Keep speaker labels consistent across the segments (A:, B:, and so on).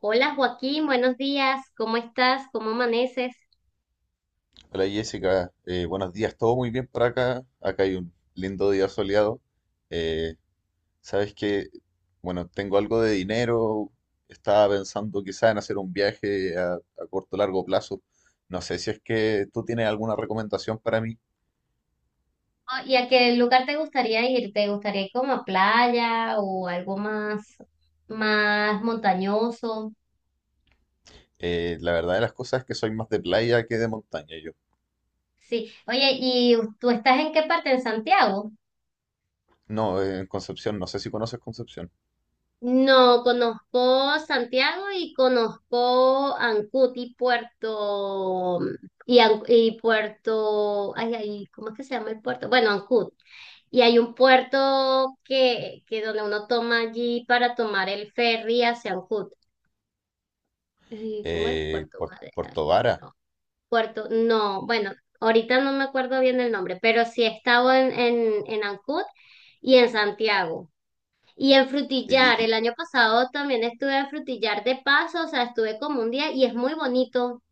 A: Hola Joaquín, buenos días. ¿Cómo estás? ¿Cómo amaneces?
B: Hola Jessica, buenos días, todo muy bien por acá. Acá hay un lindo día soleado. Eh, sabes que, bueno, tengo algo de dinero. Estaba pensando quizá en hacer un viaje a corto o largo plazo. No sé si es que tú tienes alguna recomendación para mí.
A: Ah, ¿y a qué lugar te gustaría ir? ¿Te gustaría ir como a playa o algo más montañoso?
B: La verdad de las cosas es que soy más de playa que de montaña yo.
A: Sí. Oye, ¿y tú estás en qué parte? ¿En Santiago?
B: No, en Concepción, no sé si conoces Concepción.
A: No, conozco Santiago y conozco Ancud y Puerto y Puerto, ay, ay, ¿cómo es que se llama el puerto? Bueno, Ancud. Y hay un puerto que donde uno toma allí para tomar el ferry hacia Ancud. ¿Cómo es Puerto Madera?
B: Puerto Vara.
A: No, Puerto, no, bueno, ahorita no me acuerdo bien el nombre, pero sí he estado en Ancud y en Santiago. Y en
B: Y,
A: Frutillar,
B: y-
A: el año pasado también estuve en Frutillar de paso, o sea, estuve como un día y es muy bonito.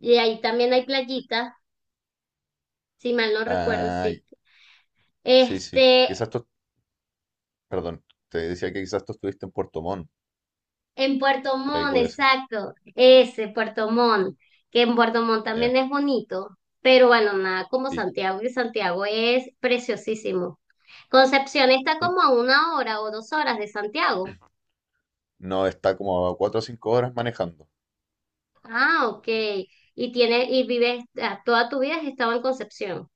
A: Y ahí también hay playitas, si mal no recuerdo,
B: Ay,
A: sí.
B: sí.
A: Este,
B: Quizás tú, perdón, te decía que quizás tú estuviste en Puerto Montt.
A: En Puerto
B: Por ahí
A: Montt,
B: puede ser.
A: exacto, ese Puerto Montt, que en Puerto Montt
B: Ya,
A: también es bonito, pero bueno, nada como
B: Sí,
A: Santiago, y Santiago es preciosísimo. Concepción está
B: sí.
A: como a una hora o 2 horas de Santiago.
B: No está como a 4 o 5 horas manejando.
A: Ah, ok. Y vives, toda tu vida has estado en Concepción.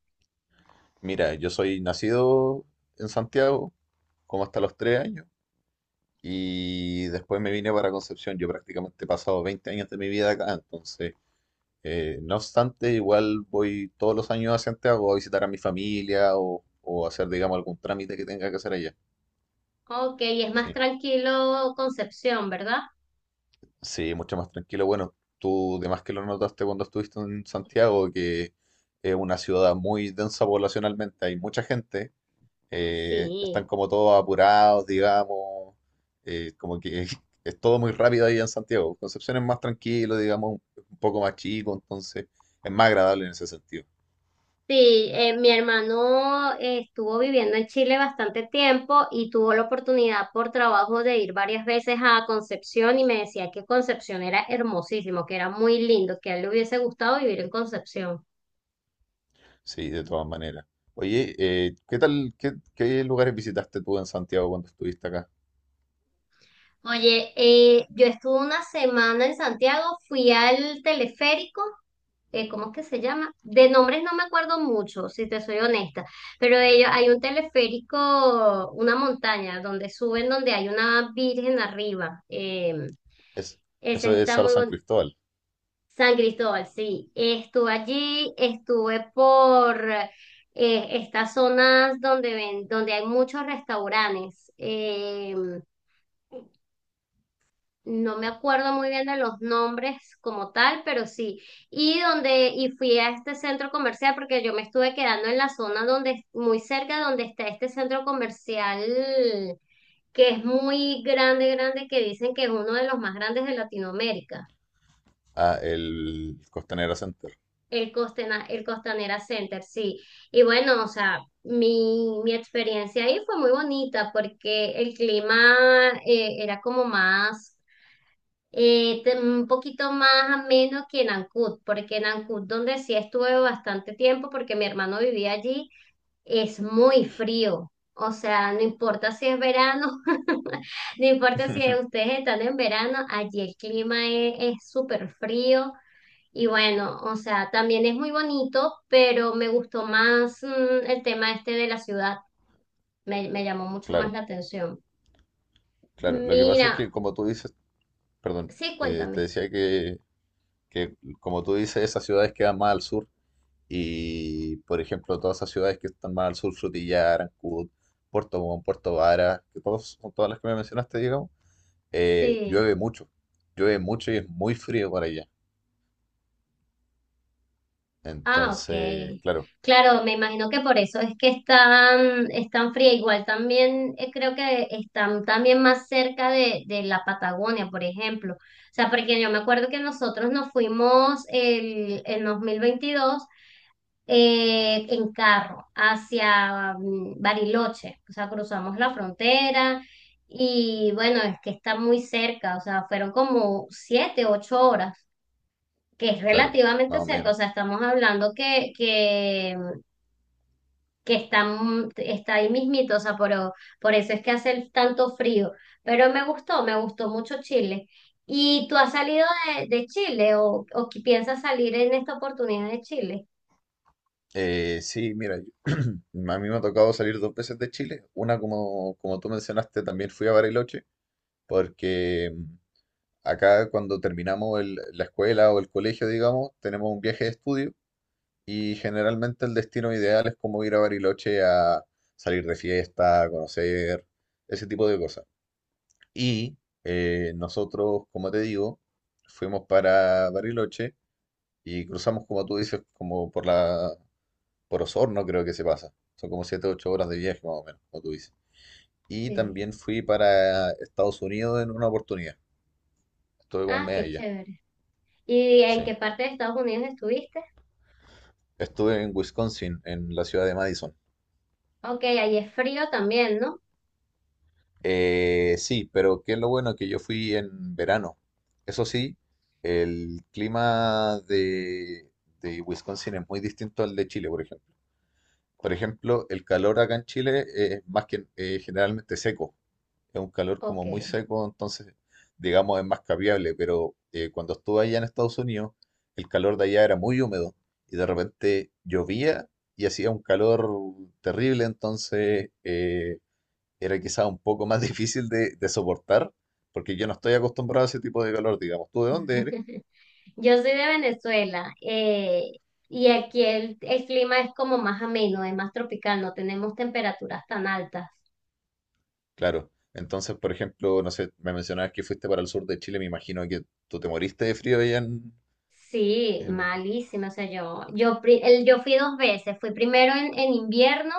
B: Mira, yo soy nacido en Santiago, como hasta los 3 años, y después me vine para Concepción. Yo prácticamente he pasado 20 años de mi vida acá, entonces, no obstante, igual voy todos los años a Santiago a visitar a mi familia o hacer, digamos, algún trámite que tenga que hacer allá.
A: Ok, y es más
B: Sí.
A: tranquilo Concepción, ¿verdad?
B: Sí, mucho más tranquilo. Bueno, tú de más que lo notaste cuando estuviste en Santiago, que es una ciudad muy densa poblacionalmente, hay mucha gente,
A: Sí.
B: están como todos apurados, digamos, como que es todo muy rápido ahí en Santiago. Concepción es más tranquilo, digamos, un poco más chico, entonces es más agradable en ese sentido.
A: Sí, mi hermano estuvo viviendo en Chile bastante tiempo y tuvo la oportunidad por trabajo de ir varias veces a Concepción y me decía que Concepción era hermosísimo, que era muy lindo, que a él le hubiese gustado vivir en Concepción.
B: Sí, de todas maneras. Oye, ¿qué tal, qué, qué lugares visitaste tú en Santiago cuando estuviste acá?
A: Oye, yo estuve una semana en Santiago, fui al teleférico, ¿cómo es que se llama? De nombres no me acuerdo mucho, si te soy honesta, pero hay un teleférico, una montaña donde suben, donde hay una virgen arriba.
B: Es,
A: Esa
B: eso es
A: está
B: Cerro
A: muy
B: San
A: bonita.
B: Cristóbal,
A: San Cristóbal, sí. Estuve allí, estuve por estas zonas donde ven, donde hay muchos restaurantes. No me acuerdo muy bien de los nombres como tal, pero sí. Y fui a este centro comercial porque yo me estuve quedando en la zona donde, muy cerca donde está este centro comercial que es muy grande, grande, que dicen que es uno de los más grandes de Latinoamérica.
B: ah, el Costanera Center.
A: El Costanera Center, sí. Y bueno, o sea, mi experiencia ahí fue muy bonita porque el clima era como un poquito más ameno que en Ancud, porque en Ancud, donde sí estuve bastante tiempo, porque mi hermano vivía allí, es muy frío. O sea, no importa si es verano, no importa si ustedes están en verano, allí el clima es súper frío. Y bueno, o sea, también es muy bonito, pero me gustó más el tema este de la ciudad. Me llamó mucho más
B: Claro,
A: la atención.
B: claro. Lo que pasa
A: Mira,
B: es que, como tú dices, perdón,
A: sí,
B: te
A: cuéntame.
B: decía que, como tú dices, esas ciudades quedan más al sur y, por ejemplo, todas esas ciudades que están más al sur, Frutillar, Arancudo, Puerto Montt, Puerto Vara, que todos, son todas las que me mencionaste, digamos, eh,
A: Sí.
B: llueve mucho, llueve mucho y es muy frío por allá.
A: Ah, ok.
B: Entonces, claro,
A: Claro, me imagino que por eso es que están fría. Igual también creo que están también más cerca de la Patagonia, por ejemplo. O sea, porque yo me acuerdo que nosotros nos fuimos en 2022 en carro hacia Bariloche, o sea, cruzamos la frontera y bueno, es que está muy cerca, o sea, fueron como 7, 8 horas, que es
B: claro, más
A: relativamente
B: o
A: cerca, o
B: menos.
A: sea, estamos hablando que, que está ahí mismito, o sea, por eso es que hace el tanto frío, pero me gustó mucho Chile. ¿Y tú has salido de Chile o que piensas salir en esta oportunidad de Chile?
B: Sí, mira, yo- a mí me ha tocado salir 2 veces de Chile. Una, como, como tú mencionaste, también fui a Bariloche. Porque acá cuando terminamos el- la escuela o el colegio, digamos, tenemos un viaje de estudio y generalmente el destino ideal es como ir a Bariloche a salir de fiesta, a conocer, ese tipo de cosas. Y nosotros, como te digo, fuimos para Bariloche y cruzamos, como tú dices, como por por Osorno creo que se pasa. Son como 7 u 8 horas de viaje más o menos, como tú dices. Y
A: Sí.
B: también fui para Estados Unidos en una oportunidad. Estuve como un
A: Ah,
B: mes
A: qué
B: allá.
A: chévere. ¿Y en
B: Sí.
A: qué parte de Estados Unidos estuviste?
B: Estuve en Wisconsin, en la ciudad de Madison.
A: Ok, ahí es frío también, ¿no?
B: Sí, pero qué es lo bueno que yo fui en verano. Eso sí, el clima de Wisconsin es muy distinto al de Chile, por ejemplo. Por ejemplo, el calor acá en Chile es más que generalmente seco. Es un calor
A: Ok.
B: como muy seco, entonces digamos es más capiable, pero cuando estuve allá en Estados Unidos, el calor de allá era muy húmedo y de repente llovía y hacía un calor terrible, entonces era quizá un poco más difícil de soportar, porque yo no estoy acostumbrado a ese tipo de calor, digamos, ¿tú de dónde eres?
A: Yo soy de Venezuela y aquí el clima es como más ameno, es más tropical, no tenemos temperaturas tan altas.
B: Claro. Entonces, por ejemplo, no sé, me mencionabas que fuiste para el sur de Chile, me imagino que tú te moriste de frío allá
A: Sí,
B: en-
A: malísimo. O sea, yo fui dos veces. Fui primero en invierno.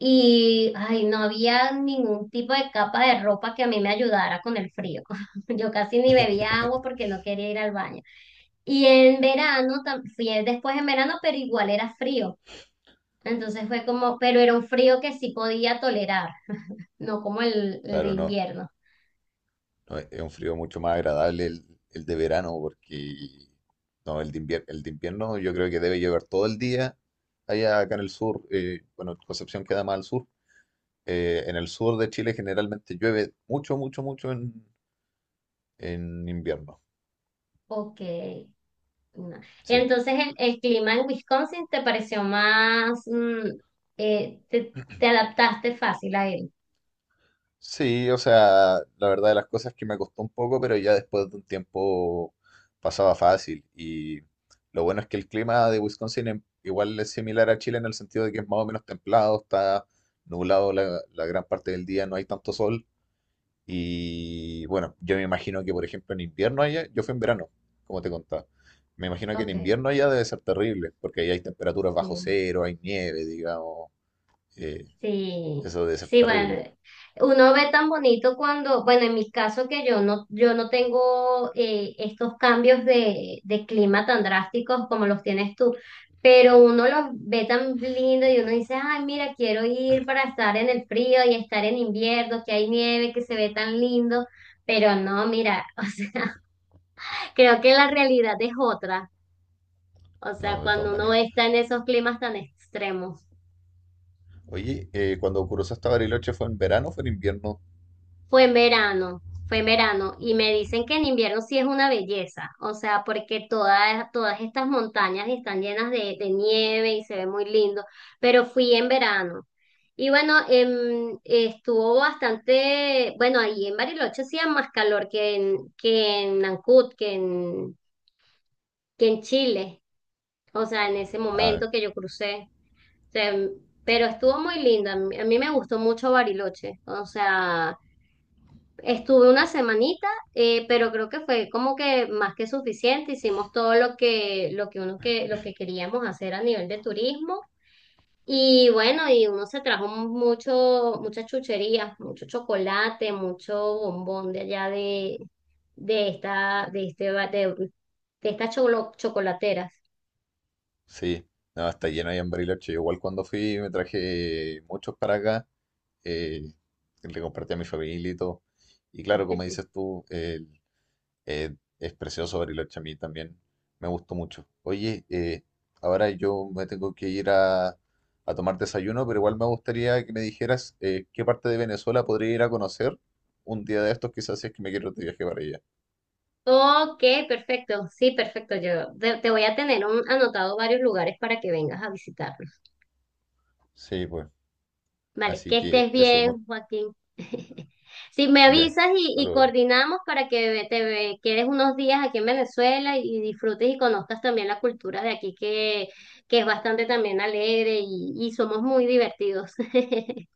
A: Y, ay, no había ningún tipo de capa de ropa que a mí me ayudara con el frío. Yo casi ni bebía agua porque no quería ir al baño. Y en verano, fui después en verano, pero igual era frío. Entonces pero era un frío que sí podía tolerar, no como el de
B: Claro, no.
A: invierno.
B: No, es un frío mucho más agradable el de verano porque no, el de invier- el de invierno yo creo que debe llover todo el día allá acá en el sur. Bueno, Concepción queda más al sur. En el sur de Chile generalmente llueve mucho, mucho, mucho en invierno.
A: Ok. No.
B: Sí.
A: Entonces el clima en Wisconsin te pareció te adaptaste fácil a él.
B: Sí, o sea, la verdad de las cosas es que me costó un poco, pero ya después de un tiempo pasaba fácil. Y lo bueno es que el clima de Wisconsin igual es similar a Chile en el sentido de que es más o menos templado, está nublado la gran parte del día, no hay tanto sol. Y bueno, yo me imagino que, por ejemplo, en invierno allá, yo fui en verano, como te contaba. Me imagino que en
A: Ok,
B: invierno allá debe ser terrible, porque ahí hay temperaturas
A: sí.
B: bajo cero, hay nieve, digamos. eh,
A: Sí,
B: Eso debe ser
A: sí, bueno,
B: terrible,
A: uno ve tan bonito cuando, bueno, en mi caso que yo no tengo estos cambios de clima tan drásticos como los tienes tú, pero uno los ve tan lindo y uno dice, ay, mira, quiero ir para estar en el frío y estar en invierno, que hay nieve, que se ve tan lindo, pero no, mira, o sea, creo que la realidad es otra, o sea,
B: ¿no? De todas
A: cuando uno
B: maneras.
A: está en esos climas tan extremos.
B: Oye, ¿cuando cruzó hasta Bariloche fue en verano o fue en invierno?
A: Fue en verano y me dicen que en invierno sí es una belleza, o sea, porque todas estas montañas están llenas de nieve y se ve muy lindo, pero fui en verano. Y bueno, bueno, ahí en Bariloche hacía más calor que en, que en, Nancut, que en Chile, o sea, en ese
B: Ah,
A: momento que yo crucé. O sea, pero estuvo muy lindo, a mí me gustó mucho Bariloche, o sea... Estuve una semanita, pero creo que fue como que más que suficiente. Hicimos todo lo que queríamos hacer a nivel de turismo. Y bueno, y uno se trajo muchas chucherías, mucho chocolate, mucho bombón de allá de esta, de este, ba- de estas chocolateras.
B: sí, no, está lleno ahí en Bariloche. Yo igual cuando fui me traje muchos para acá, eh, le compartí a mi familia y todo. Y claro, como dices tú, es precioso Bariloche a mí también, me gustó mucho. Oye, ahora yo me tengo que ir a tomar desayuno, pero igual me gustaría que me dijeras qué parte de Venezuela podría ir a conocer un día de estos, quizás si es que me quiero de viaje para allá.
A: Ok, perfecto. Sí, perfecto. Yo te voy a tener anotado varios lugares para que vengas a visitar.
B: Sí, pues.
A: Vale,
B: Así
A: que
B: que
A: estés
B: eso, mu-
A: bien, Joaquín. Si me
B: ya,
A: avisas y,
B: hasta
A: y
B: luego.
A: coordinamos para que te quedes unos días aquí en Venezuela y disfrutes y conozcas también la cultura de aquí, que es bastante también alegre y somos muy divertidos.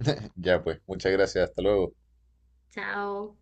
B: Ya pues, muchas gracias, hasta luego.
A: Chao.